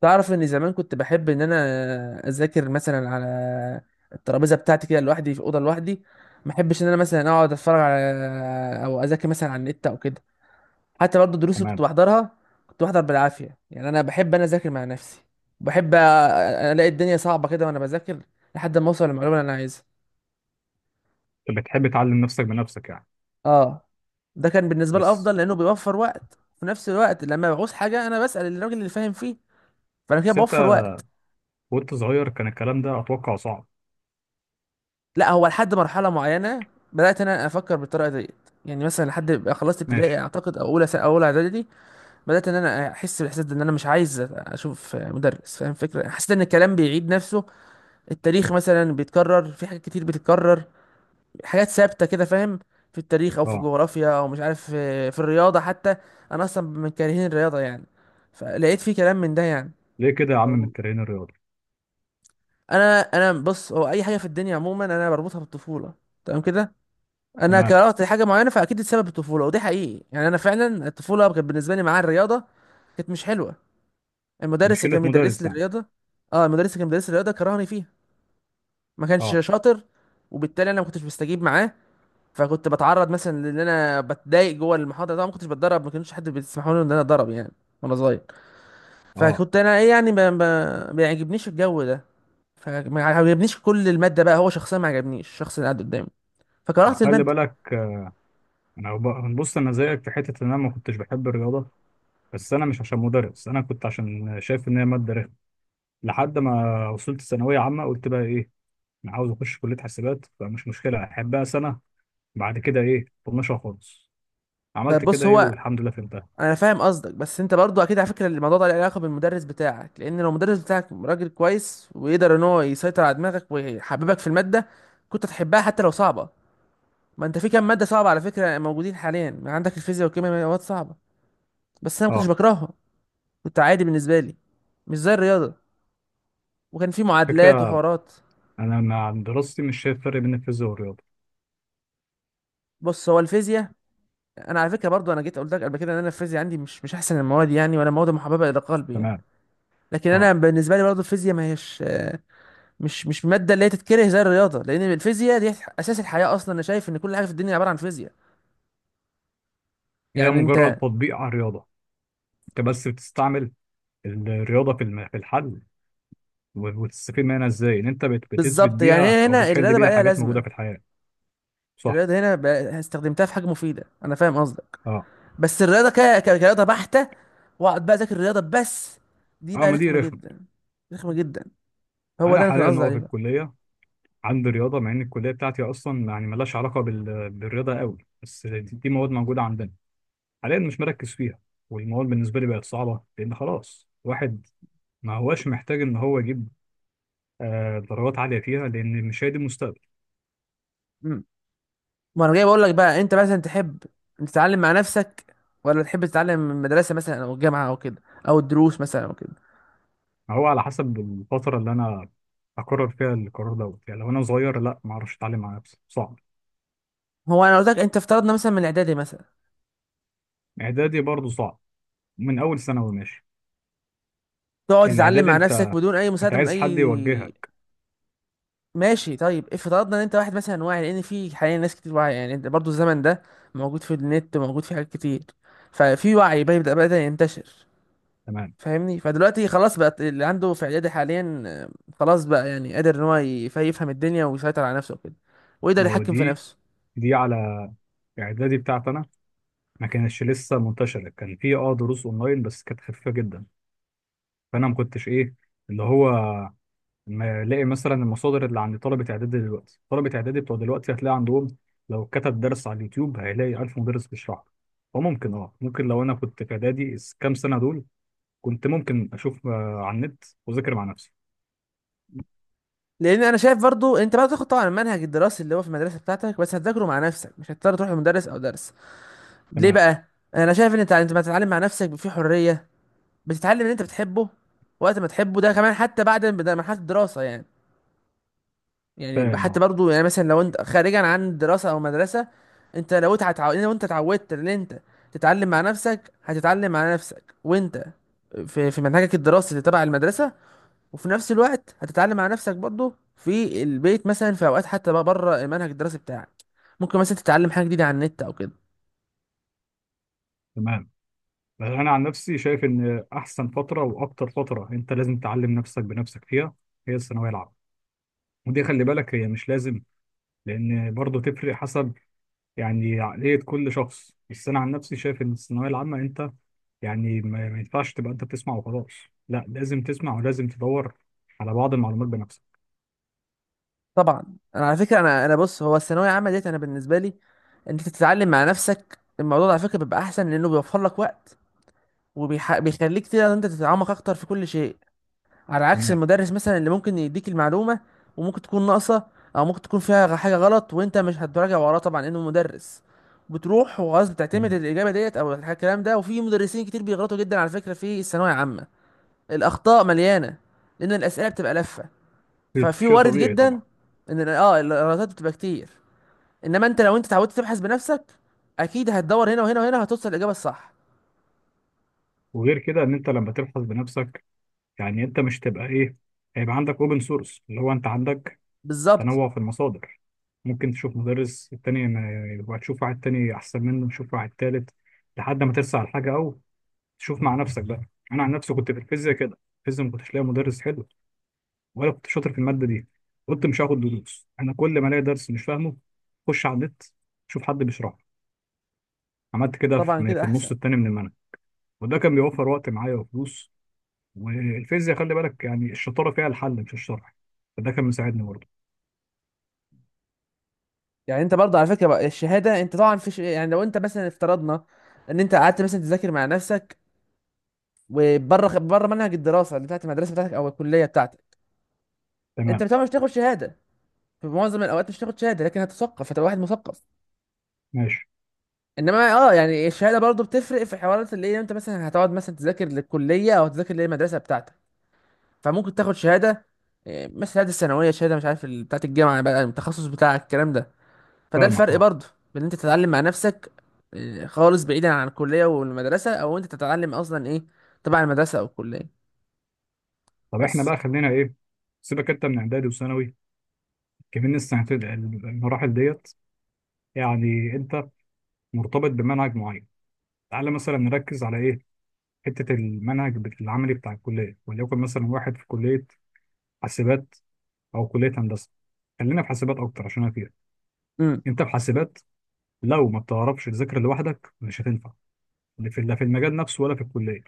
تعرف ان زمان كنت بحب ان انا اذاكر مثلا على الترابيزه بتاعتي كده لوحدي في اوضه لوحدي. ما احبش ان انا مثلا اقعد اتفرج على او اذاكر مثلا على النت او كده. حتى برضه الدروس اللي كنت تمام. بحضرها كنت بحضر بالعافيه، يعني انا بحب انا اذاكر مع نفسي. بحب الاقي الدنيا صعبه كده وانا بذاكر لحد ما اوصل للمعلومه اللي انا عايزها. انت بتحب تعلم نفسك بنفسك يعني؟ اه، ده كان بالنسبه لي بس افضل لانه بيوفر وقت، في نفس الوقت لما بعوز حاجه انا بسال الراجل اللي فاهم فيه. فانا كده بس انت، بوفر وقت. وانت صغير كان الكلام ده اتوقع صعب. لا، هو لحد مرحله معينه بدات انا افكر بالطريقه ديت، يعني مثلا لحد ما خلصت ابتدائي ماشي. اعتقد او اولى اعدادي بدات ان انا احس بالاحساس ده، ان انا مش عايز اشوف مدرس. فاهم فكره؟ حسيت ان الكلام بيعيد نفسه، التاريخ مثلا بيتكرر، في حاجات كتير بتتكرر، حاجات ثابته كده، فاهم؟ في التاريخ او في اه. الجغرافيا او مش عارف في الرياضه حتى. انا اصلا من كارهين الرياضه يعني، فلقيت في كلام من ده يعني ليه كده يا عم من موجود. التمرين الرياضي؟ انا بص، هو اي حاجه في الدنيا عموما انا بربطها بالطفوله، تمام كده؟ انا تمام. كرهت حاجه معينه فاكيد السبب الطفوله، ودي حقيقي يعني، انا فعلا الطفوله كانت بالنسبه لي معاه الرياضه كانت مش حلوه. المدرس اللي مشكلة كان بيدرس مدرس لي يعني؟ الرياضه. اه، المدرس اللي كان بيدرس لي الرياضه كرهني فيها، ما كانش اه. شاطر. وبالتالي انا ما كنتش بستجيب معاه، فكنت بتعرض مثلا لان انا بتضايق جوه المحاضره. طبعا ما كنتش بتدرب، ما كانش حد بيسمحوا لي ان انا اتدرب يعني وانا صغير. اه فكنت انا ايه يعني، ما يعجبنيش الجو ده. فما عجبنيش كل الماده بقى، هو شخصيا ما عجبنيش الشخص اللي قاعد قدامي فكرهت خلي الماده. بالك. انا بص، انا زيك في حتة ان انا ما كنتش بحب الرياضة، بس انا مش عشان مدرس، انا كنت عشان شايف ان هي مادة رخمة. لحد ما وصلت ثانوية عامة قلت بقى ايه، انا عاوز اخش كلية حاسبات، فمش مشكلة احبها سنة، بعد كده ايه طنشها خالص. طب عملت كده، بص ايه، هو، والحمد لله فهمتها. انا فاهم قصدك بس انت برضو اكيد على فكره الموضوع ده له علاقه بالمدرس بتاعك، لان لو المدرس بتاعك راجل كويس ويقدر ان هو يسيطر على دماغك ويحببك في الماده كنت هتحبها حتى لو صعبه. ما انت في كام ماده صعبه على فكره موجودين حاليا عندك، الفيزياء والكيمياء مواد صعبه بس انا ما كنتش اه، بكرهها، كنت عادي بالنسبه لي، مش زي الرياضه. وكان في معادلات فكرة. وحوارات. انا مع دراستي مش شايف فرق بين الفيزياء والرياضه. بص، هو الفيزياء، انا على فكره برضو انا جيت قلت لك قبل كده ان انا الفيزياء عندي مش احسن المواد يعني، ولا مواد محببه الى قلبي يعني. تمام. لكن اه. انا بالنسبه لي برضو الفيزياء ما هيش مش ماده اللي هي تتكره زي الرياضه، لان الفيزياء دي اساس الحياه اصلا، انا شايف ان كل حاجه في الدنيا عباره عن فيزياء، هي يعني انت. مجرد تطبيق على الرياضه، انت بس بتستعمل الرياضه في الحل، وتستفيد منها ازاي ان انت بتثبت بالظبط، يعني بيها هي او هنا بتحل الرياضه بقى بيها لها حاجات موجوده لازمه، في الحياه. صح. الرياضه هنا بقى استخدمتها في حاجه مفيده، انا فاهم قصدك. اه، بس الرياضه كرياضه بحته، واقعد بقى اذاكر الرياضه بس، دي اه، بقى ما دي رخمه رخمه. جدا. رخمه جدا، هو انا ده انا كنت حاليا قصدي هو عليه في بقى. الكليه عندي رياضه، مع ان الكليه بتاعتي اصلا يعني ملهاش علاقه بالرياضه قوي، بس دي مواد موجوده عندنا. حاليا مش مركز فيها، والمواد بالنسبه لي بقت صعبه لان خلاص، واحد ما هوش محتاج ان هو يجيب، درجات عالية فيها، لأن مش هي دي المستقبل. امم ما انا جاي بقول لك بقى، انت مثلا تحب أنت تتعلم مع نفسك، ولا تحب تتعلم من المدرسه مثلا او الجامعه او كده، او الدروس مثلا او كده؟ هو على حسب الفترة اللي أنا هقرر فيها القرار دوت، يعني لو أنا صغير لا، ما أعرفش أتعلم على نفسي، صعب. هو انا قلت لك، انت افترضنا مثلا من الاعدادي مثلا إعدادي برضه صعب، من أول ثانوي ماشي. تقعد إن تتعلم إعدادي مع نفسك أنت بدون اي أنت مساعده من عايز حد اي. يوجهك. ماشي، طيب افترضنا ان انت واحد مثلا واعي، لان في حاليا ناس كتير واعيه يعني، انت برضو الزمن ده موجود في النت وموجود في حاجات كتير، ففي وعي بدا ينتشر. تمام. فاهمني؟ فدلوقتي خلاص بقى، اللي عنده في اعدادي حاليا آه، خلاص بقى يعني قادر ان هو يفهم الدنيا ويسيطر على نفسه وكده، ويقدر ما هو يتحكم في دي نفسه. دي على إعدادي بتاعتي أنا، ما كانتش لسه منتشرة، كان في دروس أونلاين بس كانت خفيفة جدا، فأنا ما كنتش إيه، اللي هو ما الاقي مثلا المصادر اللي عند طلبه اعدادي دلوقتي، طلبه اعدادي بتوع دلوقتي هتلاقي عندهم، لو كتب درس على اليوتيوب هيلاقي 1000 مدرس بيشرح له. وممكن اه ممكن لو انا كنت في اعدادي كام سنه دول كنت ممكن اشوف على النت واذاكر مع نفسي. لان انا شايف برضو انت بقى تاخد طبعا المنهج الدراسي اللي هو في المدرسه بتاعتك بس هتذاكره مع نفسك، مش هتضطر تروح لمدرس او درس. ليه تمام. بقى؟ انا شايف ان انت أنت بتتعلم مع نفسك في حريه، بتتعلم اللي انت بتحبه وقت ما تحبه، ده كمان حتى بعد ما بدأ مرحله الدراسه يعني. يعني فاهم، حتى اه. برضو يعني مثلا لو انت خارجا عن الدراسه او مدرسه، انت لو انت اتعودت ان انت تتعلم مع نفسك هتتعلم مع نفسك وانت في في منهجك الدراسي اللي تبع المدرسه، وفي نفس الوقت هتتعلم مع نفسك برضو في البيت مثلا، في اوقات حتى بقى بره المنهج الدراسي بتاعك، ممكن مثلا تتعلم حاجه جديده على النت او كده. تمام. بس انا عن نفسي شايف ان احسن فتره واكتر فتره انت لازم تعلم نفسك بنفسك فيها هي الثانويه العامه. ودي خلي بالك هي مش لازم، لان برضه تفرق حسب يعني عقلية كل شخص. بس أنا عن نفسي شايف إن الثانوية العامة أنت، يعني ما ينفعش تبقى أنت بتسمع وخلاص، لا، لازم تسمع ولازم تدور على بعض المعلومات بنفسك. طبعا انا على فكره، انا بص، هو الثانويه العامه ديت انا بالنسبه لي انت تتعلم مع نفسك، الموضوع ده على فكره بيبقى احسن لانه بيوفر لك وقت وبيخليك تقدر إن انت تتعمق اكتر في كل شيء، على عكس تمام. المدرس مثلا اللي ممكن يديك المعلومه وممكن تكون ناقصه، او ممكن تكون فيها حاجه غلط وانت مش هتراجع وراه طبعا لانه مدرس، بتروح وخلاص بتعتمد تمام. الاجابه ديت او الكلام ده. وفي مدرسين كتير بيغلطوا جدا على فكره في الثانويه العامه، الاخطاء مليانه، لان الاسئله بتبقى لفه، شيء ففي شيء وارد طبيعي جدا طبعا. ان الغلطات بتبقى كتير. انما انت لو انت اتعودت تبحث بنفسك، اكيد هتدور هنا وهنا وهنا هتوصل الاجابه الصح. وغير كده إن أنت لما تبحث بنفسك يعني أنت مش تبقى إيه، هيبقى عندك أوبن سورس، اللي هو أنت عندك بالظبط. تنوع في المصادر، ممكن تشوف مدرس التاني وهتشوف واحد تاني أحسن منه، تشوف واحد تالت، لحد ما ترسى على حاجة أو تشوف مع نفسك بقى. أنا عن نفسي كنت في الفيزياء كده، الفيزياء ما كنتش لاقي مدرس حلو، ولا كنت شاطر في الماده دي، قلت مش هاخد دروس، انا كل ما الاقي درس مش فاهمه اخش على النت اشوف حد بيشرحه. عملت كده طبعا في كده في النص احسن. التاني من المنهج. وده كان بيوفر وقت معايا وفلوس. والفيزياء خلي بالك يعني الشطاره فيها الحل مش الشرح، فده كان مساعدني برضه. يعني انت برضه على فكره بقى الشهاده، انت طبعا في يعني لو انت مثلا افترضنا ان انت قعدت مثلا تذاكر مع نفسك وبره بره منهج الدراسه اللي بتاعت المدرسه بتاعتك او الكليه بتاعتك، انت تمام. طبعا مش هتاخد شهاده، في معظم الاوقات مش هتاخد شهاده، لكن هتثقف، هتبقى واحد مثقف. ماشي. انما اه يعني الشهاده برضه بتفرق، في حوارات اللي هي انت مثلا هتقعد مثلا تذاكر للكليه او تذاكر للمدرسه بتاعتك، فممكن تاخد شهاده إيه، مثل شهاده الثانويه، شهاده مش عارف بتاعه الجامعه بقى، التخصص بتاعك الكلام ده. فده فاهمك، الفرق اه. برضه، بين إن انت تتعلم مع نفسك إيه، خالص بعيدا عن الكليه والمدرسه، او انت تتعلم اصلا ايه تبع المدرسه او الكليه. طب احنا بس. بقى خلينا ايه، سيبك انت من اعدادي وثانوي كمان، السنتين المراحل ديت يعني انت مرتبط بمنهج معين، تعالى مثلا نركز على ايه، حته المنهج العملي بتاع الكليه، وليكن مثلا واحد في كليه حاسبات او كليه هندسه، خلينا في حاسبات اكتر عشان انا فيها. امم انت في حاسبات لو ما بتعرفش تذاكر لوحدك مش هتنفع، لا في، لا في المجال نفسه ولا في الكليه.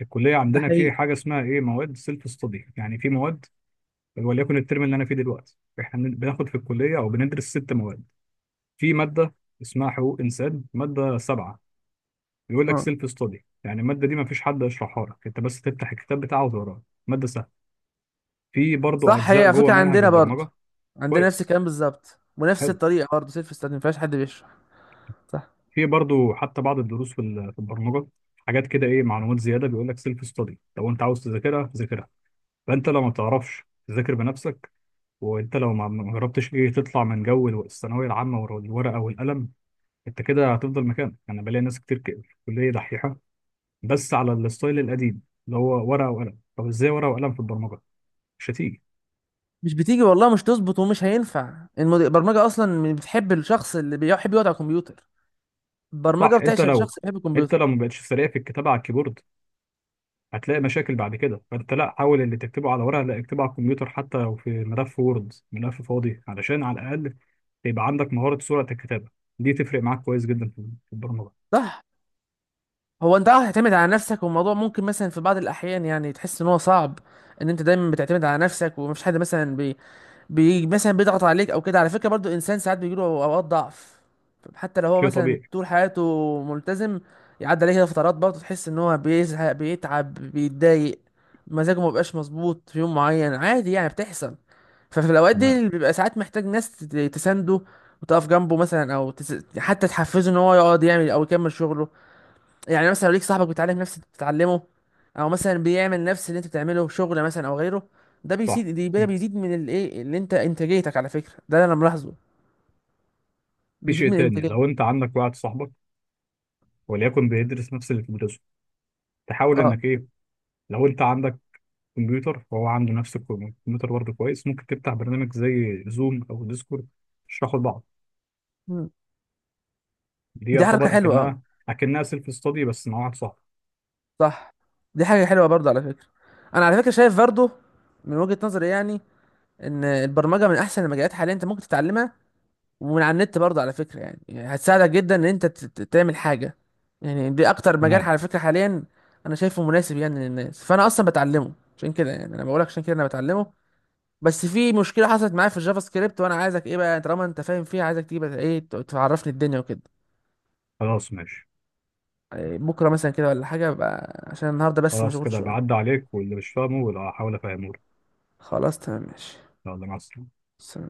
الكليه ده عندنا في حقيقي. حاجه اسمها ايه، مواد سيلف ستادي، يعني في مواد، وليكن الترم اللي انا فيه دلوقتي احنا بناخد في الكليه او بندرس 6 مواد، في ماده اسمها حقوق انسان، ماده سبعه، بيقول لك اه سيلف ستادي يعني الماده دي ما فيش حد يشرحها لك، انت بس تفتح الكتاب بتاعه وتقراه. ماده سهلة. في برضو صح، هي اجزاء على جوه فكره منهج عندنا برضه، البرمجه. عندنا نفس كويس. الكلام بالظبط ونفس حلو. الطريقه برضه سيلف ستادي، ما فيهاش حد بيشرح. صح. في برضو حتى بعض الدروس في البرمجه حاجات كده ايه، معلومات زياده بيقول لك سيلف ستادي، لو انت عاوز تذاكرها ذاكرها. فانت لو ما تعرفش تذاكر بنفسك، وانت لو ما جربتش ايه تطلع من جو الثانويه العامه والورقه والقلم، انت كده هتفضل مكانك. انا بلاقي ناس كتير كده في الكليه دحيحه بس على الستايل القديم اللي هو ورقه وقلم. طب ازاي ورقه وقلم في البرمجه؟ مش هتيجي. مش بتيجي والله، مش تظبط، ومش هينفع البرمجه اصلا بتحب الشخص اللي بيحب يقعد على الكمبيوتر، صح. البرمجه انت بتعشق لو الشخص اللي بيحب انت الكمبيوتر. لو ما بقتش سريع في الكتابه على الكيبورد هتلاقي مشاكل بعد كده، فانت لا حاول اللي تكتبه على ورقه، لا اكتبه على الكمبيوتر حتى لو في ملف وورد، ملف فاضي، علشان على الاقل يبقى عندك مهاره سرعه الكتابه، دي تفرق معاك كويس جدا في البرمجه. صح. هو انت اه هتعتمد على نفسك، والموضوع ممكن مثلا في بعض الاحيان يعني تحس ان هو صعب، ان انت دايما بتعتمد على نفسك ومفيش حد مثلا بي مثلا بيضغط عليك او كده. على فكره برضو الانسان ساعات بيجيله اوقات ضعف، حتى لو هو شيء مثلا طبيعي. طول حياته ملتزم، يعدي عليه كده فترات برضو تحس ان هو بيزهق، بيتعب، بيتضايق، مزاجه ما بيبقاش مظبوط في يوم معين، عادي يعني بتحصل. ففي الاوقات دي تمام. اللي بيبقى ساعات محتاج ناس تسانده وتقف جنبه مثلا او حتى تحفزه ان هو يقعد يعمل او يكمل شغله. يعني مثلا لو ليك صاحبك بيتعلم نفس اللي بتتعلمه، او مثلا بيعمل نفس اللي انت بتعمله شغل مثلا او غيره، ده صح. بيزيد ده مم. بيزيد من الايه اللي انت انتاجيتك على فكره ده انا ملاحظه، في بيزيد شيء من تاني، انتاجيتك. لو انت عندك واحد صاحبك وليكن بيدرس نفس اللي بتدرسه، تحاول اه. انك ايه، لو انت عندك كمبيوتر فهو عنده نفس الكمبيوتر برضه كويس، ممكن تفتح برنامج زي زوم او ديسكورد تشرحوا لبعض، مم. دي دي حركه يعتبر حلوه، اه اكنها سيلف ستادي بس مع واحد صاحبك. صح. دي حاجه حلوه برضه على فكره. انا على فكره شايف برضه من وجهه نظري يعني ان البرمجه من احسن المجالات حاليا انت ممكن تتعلمها، ومن على النت برضه على فكرة يعني، يعني هتساعدك جدا ان انت تعمل حاجة. يعني دي اكتر مجال تمام. على فكرة حاليا انا شايفه مناسب يعني للناس، فانا اصلا بتعلمه عشان كده يعني، انا بقولك عشان كده انا بتعلمه. بس في مشكلة حصلت معايا في الجافا سكريبت، وانا عايزك ايه بقى، طالما انت فاهم فيها عايزك تجيب ايه تعرفني الدنيا وكده خلاص ماشي. إيه، بكرة مثلا كده ولا حاجة بقى، عشان النهاردة بس خلاص مشغول كده شوية. بعد عليك، واللي مش فاهمه ولا هحاول افهمه له. خلاص تمام ماشي. يلا، مع السلامه. سلام.